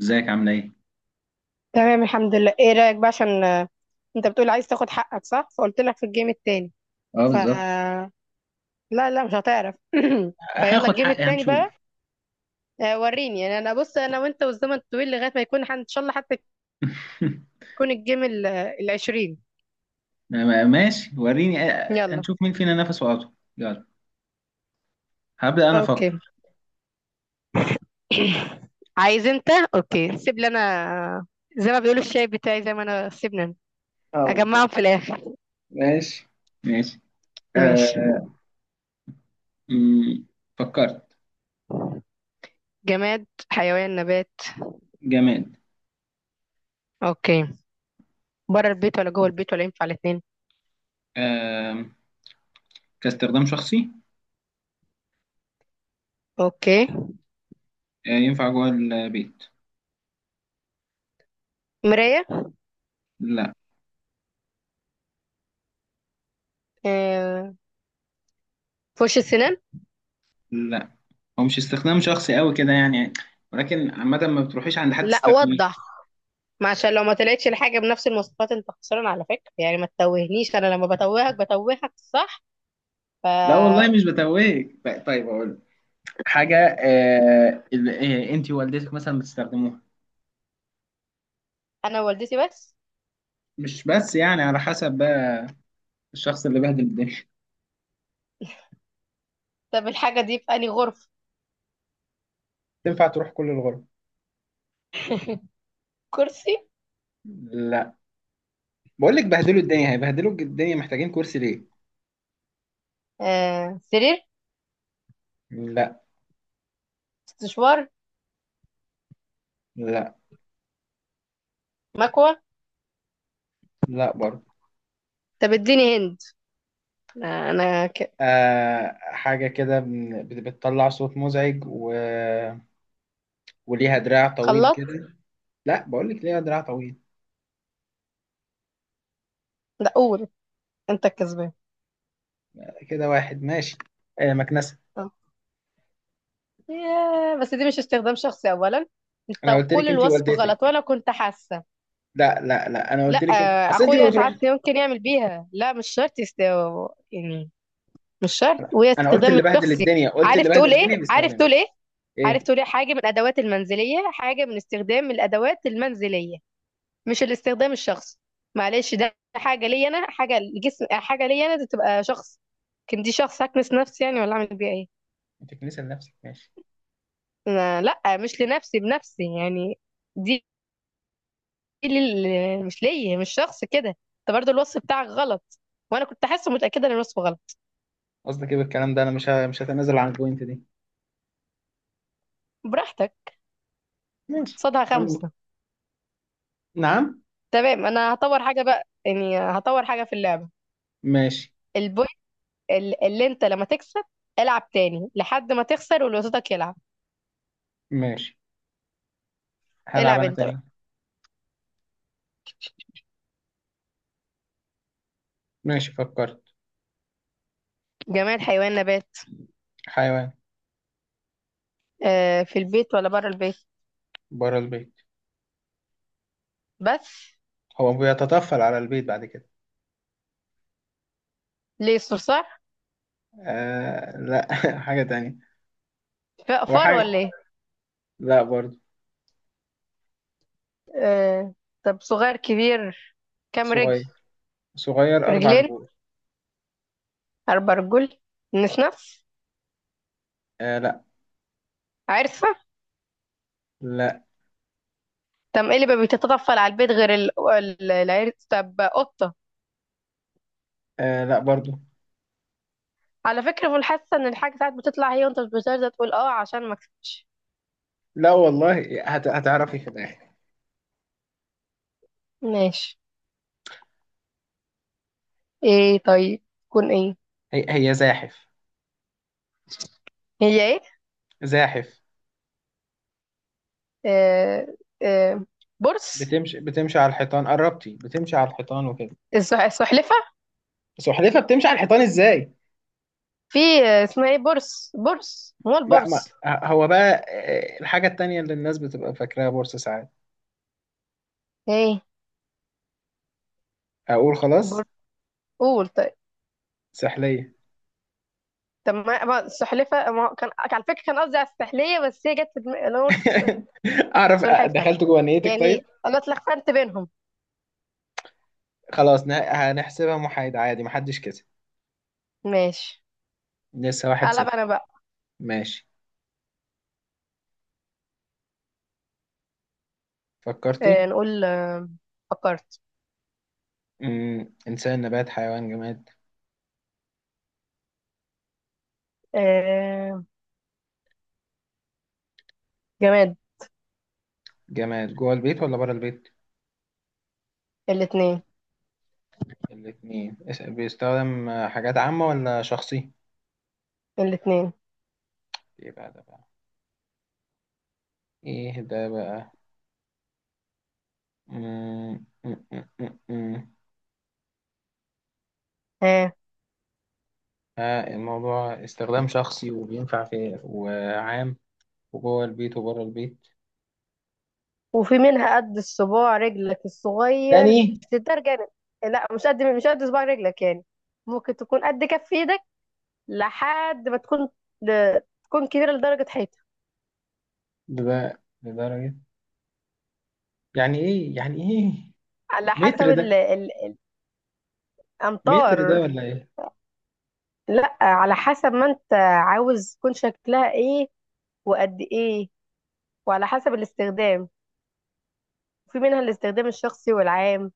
ازيك عامله ايه؟ تمام الحمد لله. ايه رأيك بقى عشان انت بتقول عايز تاخد حقك؟ صح، فقلت لك في الجيم التاني. اه ف بالظبط. لا لا، مش هتعرف فيلا هاخد الجيم حقي التاني هنشوف. بقى. وريني يعني. انا بص، انا وانت والزمن طويل لغاية ما يكون ان شاء الله حتى يكون الجيم العشرين. ماشي، وريني، يلا. هنشوف مين فينا نفسه اطول. يلا. هبدأ انا اوكي افكر. عايز انت؟ اوكي، سيب لي انا. زي ما بيقولوا، الشاي بتاعي زي ما انا، سيبني انا اه اجمعهم بالظبط. في الاخر. ماشي ماشي. ماشي. آه. مم، فكرت. جماد، حيوان، نبات؟ جماد. اوكي. بره البيت ولا جوه البيت ولا ينفع الاتنين؟ آه. كاستخدام شخصي. اوكي. آه، ينفع جوه البيت. مراية. لا آه، فرش السنان. لا، هو مش استخدام شخصي قوي كده يعني، ولكن عامة ما بتروحيش عند حد لا تستخدميه. وضح. ما عشان لو ما طلعتش الحاجه بنفس المواصفات، انت خسران على فكره يعني. ما تتوهنيش، انا لما بتوهك بتوهك صح؟ لا والله فانا. مش بتوهك. طيب اقول حاجة انت ووالدتك مثلا بتستخدموها. والدتي بس. مش بس يعني، على حسب بقى الشخص اللي بهدل الدنيا. طب الحاجه دي في انهي غرفه؟ تنفع تروح كل الغرف. كرسي. لا، بقول لك بهدلوا الدنيا، هيبهدلوا الدنيا، محتاجين كرسي ليه؟ سرير. لا. استشوار. لا. مكوه. لا برضه. طب اديني هند. انا حاجة كده بتطلع صوت مزعج، و... وليها دراع طويل خلاط. كده. لا، بقول لك ليها دراع طويل. لا قول، انت الكسبان. كده واحد ماشي. آه، مكنسة. آه. ياه، بس دي مش استخدام شخصي اولا. انا انت قلت كل لك انت الوصف ووالدتك. غلط وانا كنت حاسه. لا لا لا، انا قلت لا، لك اصل انت ما اخويا بتروح. ساعات ممكن يعمل بيها، لا مش شرط يعني. مش شرط وهي انا قلت استخدام اللي بهدل الشخصي. الدنيا، قلت عارف اللي بهدل تقول ايه، الدنيا عارف بيستخدمه. تقول ايه، عارف ايه. تقول ايه، حاجه من الادوات المنزليه، حاجه من استخدام الادوات المنزليه، مش الاستخدام الشخصي. معلش، ده حاجه ليا انا، حاجه لجسم، حاجه ليا انا، دي تبقى شخص. لكن دي شخص هكنس نفسي يعني؟ ولا اعمل بيها ايه؟ انت كنيسة لنفسك، ماشي. لا مش لنفسي، بنفسي يعني. دي مش ليا، مش شخص كده. انت برضه الوصف بتاعك غلط وانا كنت حاسه متاكده ان الوصف غلط. قصدك ايه بالكلام ده؟ انا مش هتنازل عن البوينت دي. براحتك. ماشي. صدها كمل. خمسة. نعم. تمام، انا هطور حاجة بقى، يعني هطور حاجة في اللعبة. ماشي. البوينت اللي انت لما تكسب، العب تاني لحد ما تخسر واللي قصادك يلعب. ماشي. هلعب العب انا انت بقى. تاني. ماشي، فكرت. جماد، حيوان، نبات؟ حيوان. آه، في البيت ولا بره البيت؟ بره البيت. بس هو بيتطفل على البيت بعد كده. ليه؟ صرصار. آه لا. حاجة تانية. هو فار ولا حاجة. ايه؟ لا برضو. آه. طب صغير كبير؟ كام رجل؟ صغير. صغير، أربع رجلين، رجول. 4 رجول. نفس. آه لا. عرسة. لا. طب ايه اللي ما بيتطفل على البيت غير العرس؟ طب قطة. آه لا برضو. على فكرة، في الحاسة ان الحاجة ساعات بتطلع هي وانت مش بترضى تقول اه عشان ما اكسبش. لا والله هتعرفي في الآخر. ماشي. ايه طيب؟ تكون ايه؟ هي زاحف. هي ايه؟ زاحف. آه آه بورس. بتمشي على الحيطان، قربتي بتمشي على الحيطان وكده. السحلفة. بس وحدتها بتمشي على الحيطان ازاي؟ في، اسمها ايه؟ بورس، ما هو لا، ما البورس؟ هو بقى. الحاجة التانية اللي الناس بتبقى فاكراها بورصة ساعات. ايه أقول خلاص. بورس؟ قول طيب. سحلية. طب ما السحلفة، ما هو كان على فكرة كان قصدي على السحلية، بس هي جت في دماغي انا قلت أعرف. سلحفة دخلت جوه نيتك يعني. طيب. انا اتلخبطت بينهم. خلاص، هنحسبها محايدة عادي، محدش كسب. ماشي. لسه واحد قلب صفر انا بقى. ماشي. فكرتي. نقول. فكرت. إنسان نبات حيوان جماد. آه جماد. جماد جوه البيت ولا بره البيت؟ الاتنين. الاتنين. بيستخدم حاجات عامة ولا شخصي؟ الاتنين. إيه بقى ده بقى؟ إيه ده بقى؟ مم. مم. مم. مم. ها. الموضوع استخدام شخصي وبينفع في وعام، وجوه البيت وبره البيت. وفي منها قد الصباع رجلك الصغير، تاني. بس ده جانب. لا، مش قد، مش قد صباع رجلك يعني. ممكن تكون قد كف ايدك لحد ما تكون ل- تكون كبيرة لدرجة حيطة. ده لدرجة. يعني ايه؟ يعني ايه؟ على حسب متر ده؟ متر ده الأمطار. ولا ايه؟ لا، على حسب ما انت عاوز تكون شكلها ايه، وقد ايه، وعلى حسب الاستخدام. في منها الاستخدام الشخصي والعام،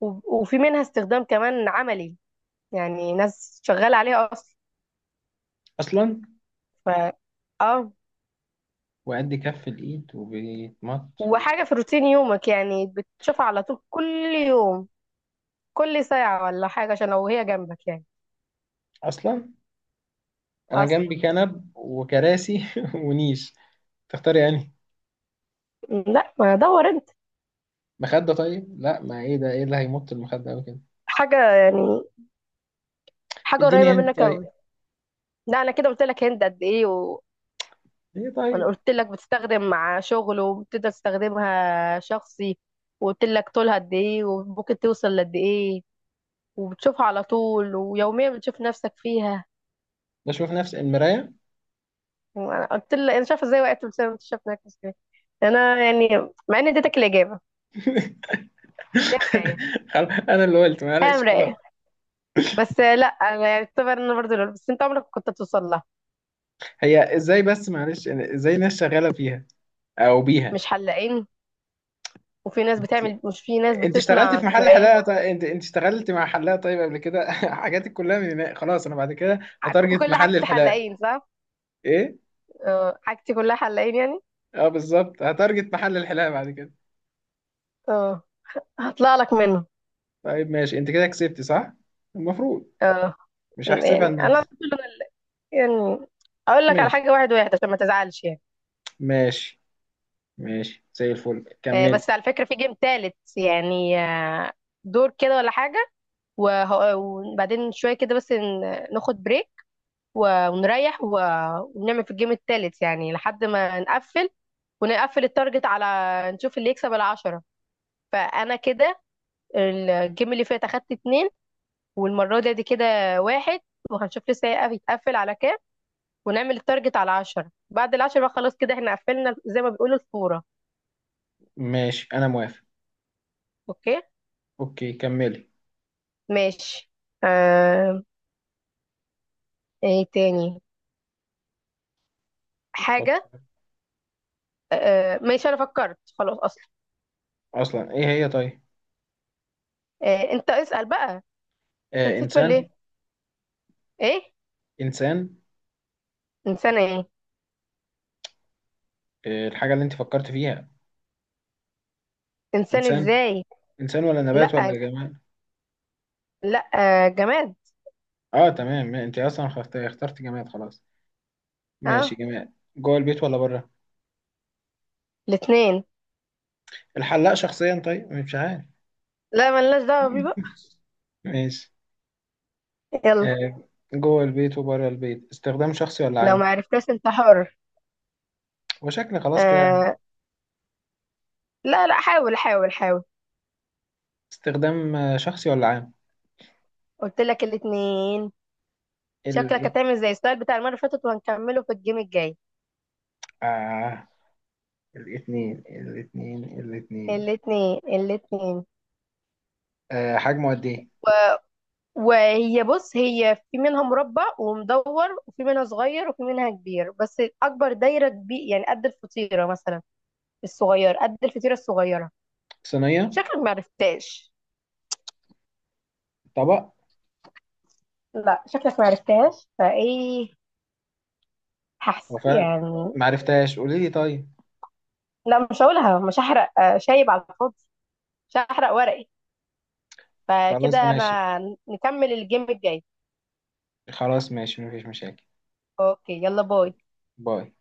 وفي منها استخدام كمان عملي يعني. ناس شغالة عليها أصلا. اصلا. ف اه. وقد كف الايد وبيتمط. وحاجة في روتين يومك يعني، بتشوفها على طول كل يوم، كل ساعة، ولا حاجة عشان لو هي جنبك يعني. اصلا. انا اصلا. جنبي كنب وكراسي ونيش. تختار يعني. لا، ما دور انت. مخدة؟ طيب لا، ما ايه ده؟ ايه اللي هيمط المخدة اوي كده؟ حاجة يعني، حاجة اديني قريبة هنت منك طيب. قوي. لا، انا كده قلت لك هند قد ايه ايه وانا طيب. قلت لك بتستخدم مع شغل وبتقدر تستخدمها شخصي، وقلت لك طولها قد ايه وممكن توصل لقد ايه، وبتشوفها على طول ويوميا بتشوف نفسك فيها. بشوف نفسي المراية. انا قلت لها انا شايفه ازاي وقعت بسبب انت شايف انك ازاي، انا يعني، مع اني اديتك الاجابه. هي مرايه. خلاص، انا اللي قلت، هي معلش خلاص. مرايه. بس لا انا يعني اعتبر ان انا برضه لول، بس انت عمرك كنت توصل لها. هي ازاي بس؟ معلش يعني ازاي الناس شغاله فيها او بيها؟ مش حلاقين، وفي ناس انت بتعمل، مش في ناس انت اشتغلت بتصنع في محل مرايات. حلاقه طيب. انت اشتغلت مع حلاقه طيب قبل كده. حاجاتك كلها من هناك. خلاص انا بعد كده هتارجت كل محل حاجتي الحلاقه. حلاقين صح؟ ايه. اه، حاجتي كلها حلاقين يعني. اه بالظبط، هتارجت محل الحلاقه بعد كده. اه، هطلع لك منه. طيب ماشي، انت كده كسبت صح. المفروض. اه، مش هحسبها يعني انا لنفسي. برضو، أنا يعني اقول لك على ماشي حاجه واحد واحد عشان ما تزعلش يعني. ماشي ماشي، زي الفل كملي. بس على فكره في جيم تالت يعني، دور كده ولا حاجه، وبعدين شوية كده بس ناخد بريك ونريح ونعمل في الجيم التالت يعني لحد ما نقفل، ونقفل التارجت على نشوف اللي يكسب العشرة. فأنا كده الجيم اللي فات أخدت 2، والمرة دي كده واحد، وهنشوف لسه هيتقفل على كام. ونعمل التارجت على 10، بعد العشرة بقى خلاص كده احنا قفلنا، زي ما بيقولوا، الفورة. ماشي انا موافق. اوكي. اوكي كملي. ماشي. آه... ايه تاني حاجة؟ فكر. ماشي أنا فكرت خلاص أصلا. اصلا ايه هي طيب. انت اسأل بقى. انت آه، نسيت ولا انسان. ايه؟ ايه؟ انسان. انسانه ايه؟ الحاجه اللي انت فكرت فيها. انسان انسان. ازاي؟ انسان ولا نبات ولا لا، جماد؟ لا جماد. اه تمام، ما انت اصلا اخترت جماد خلاص. ماشي، ها. جماد جوه البيت ولا بره؟ الاتنين. الحلاق شخصيا؟ طيب مش عارف. لا، ملناش دعوه بيه بقى. ماشي. يلا. آه. جوه البيت وبره البيت، استخدام شخصي ولا لو ما عام؟ عرفتش انت حر. وشكل خلاص كده يعني. آه، لا لا، حاول حاول حاول. استخدام شخصي ولا عام؟ قلت لك الاتنين. شكلك ال... هتعمل زي السؤال بتاع المره اللي فاتت وهنكمله في الجيم الجاي. آه، الاتنين الاتنين الاتنين. الاتنين، الاتنين. حجمه قد ايه؟ وهي بص، هي في منها مربع ومدور، وفي منها صغير وفي منها كبير، بس اكبر دايره كبير يعني قد الفطيره مثلا. الصغير قد الفطيره الصغيره. صينية. شكلك ما عرفتاش. طبق. لا، شكلك ما عرفتهاش فايه. هو هحس فعلا يعني. معرفتهاش، قولي لي طيب. لا، مش هقولها، مش هحرق شايب على الفاضي. مش هحرق ورقي. خلاص فكده ماشي. انا نكمل الجيم الجاي. خلاص ماشي، مفيش مشاكل. اوكي يلا باي. باي.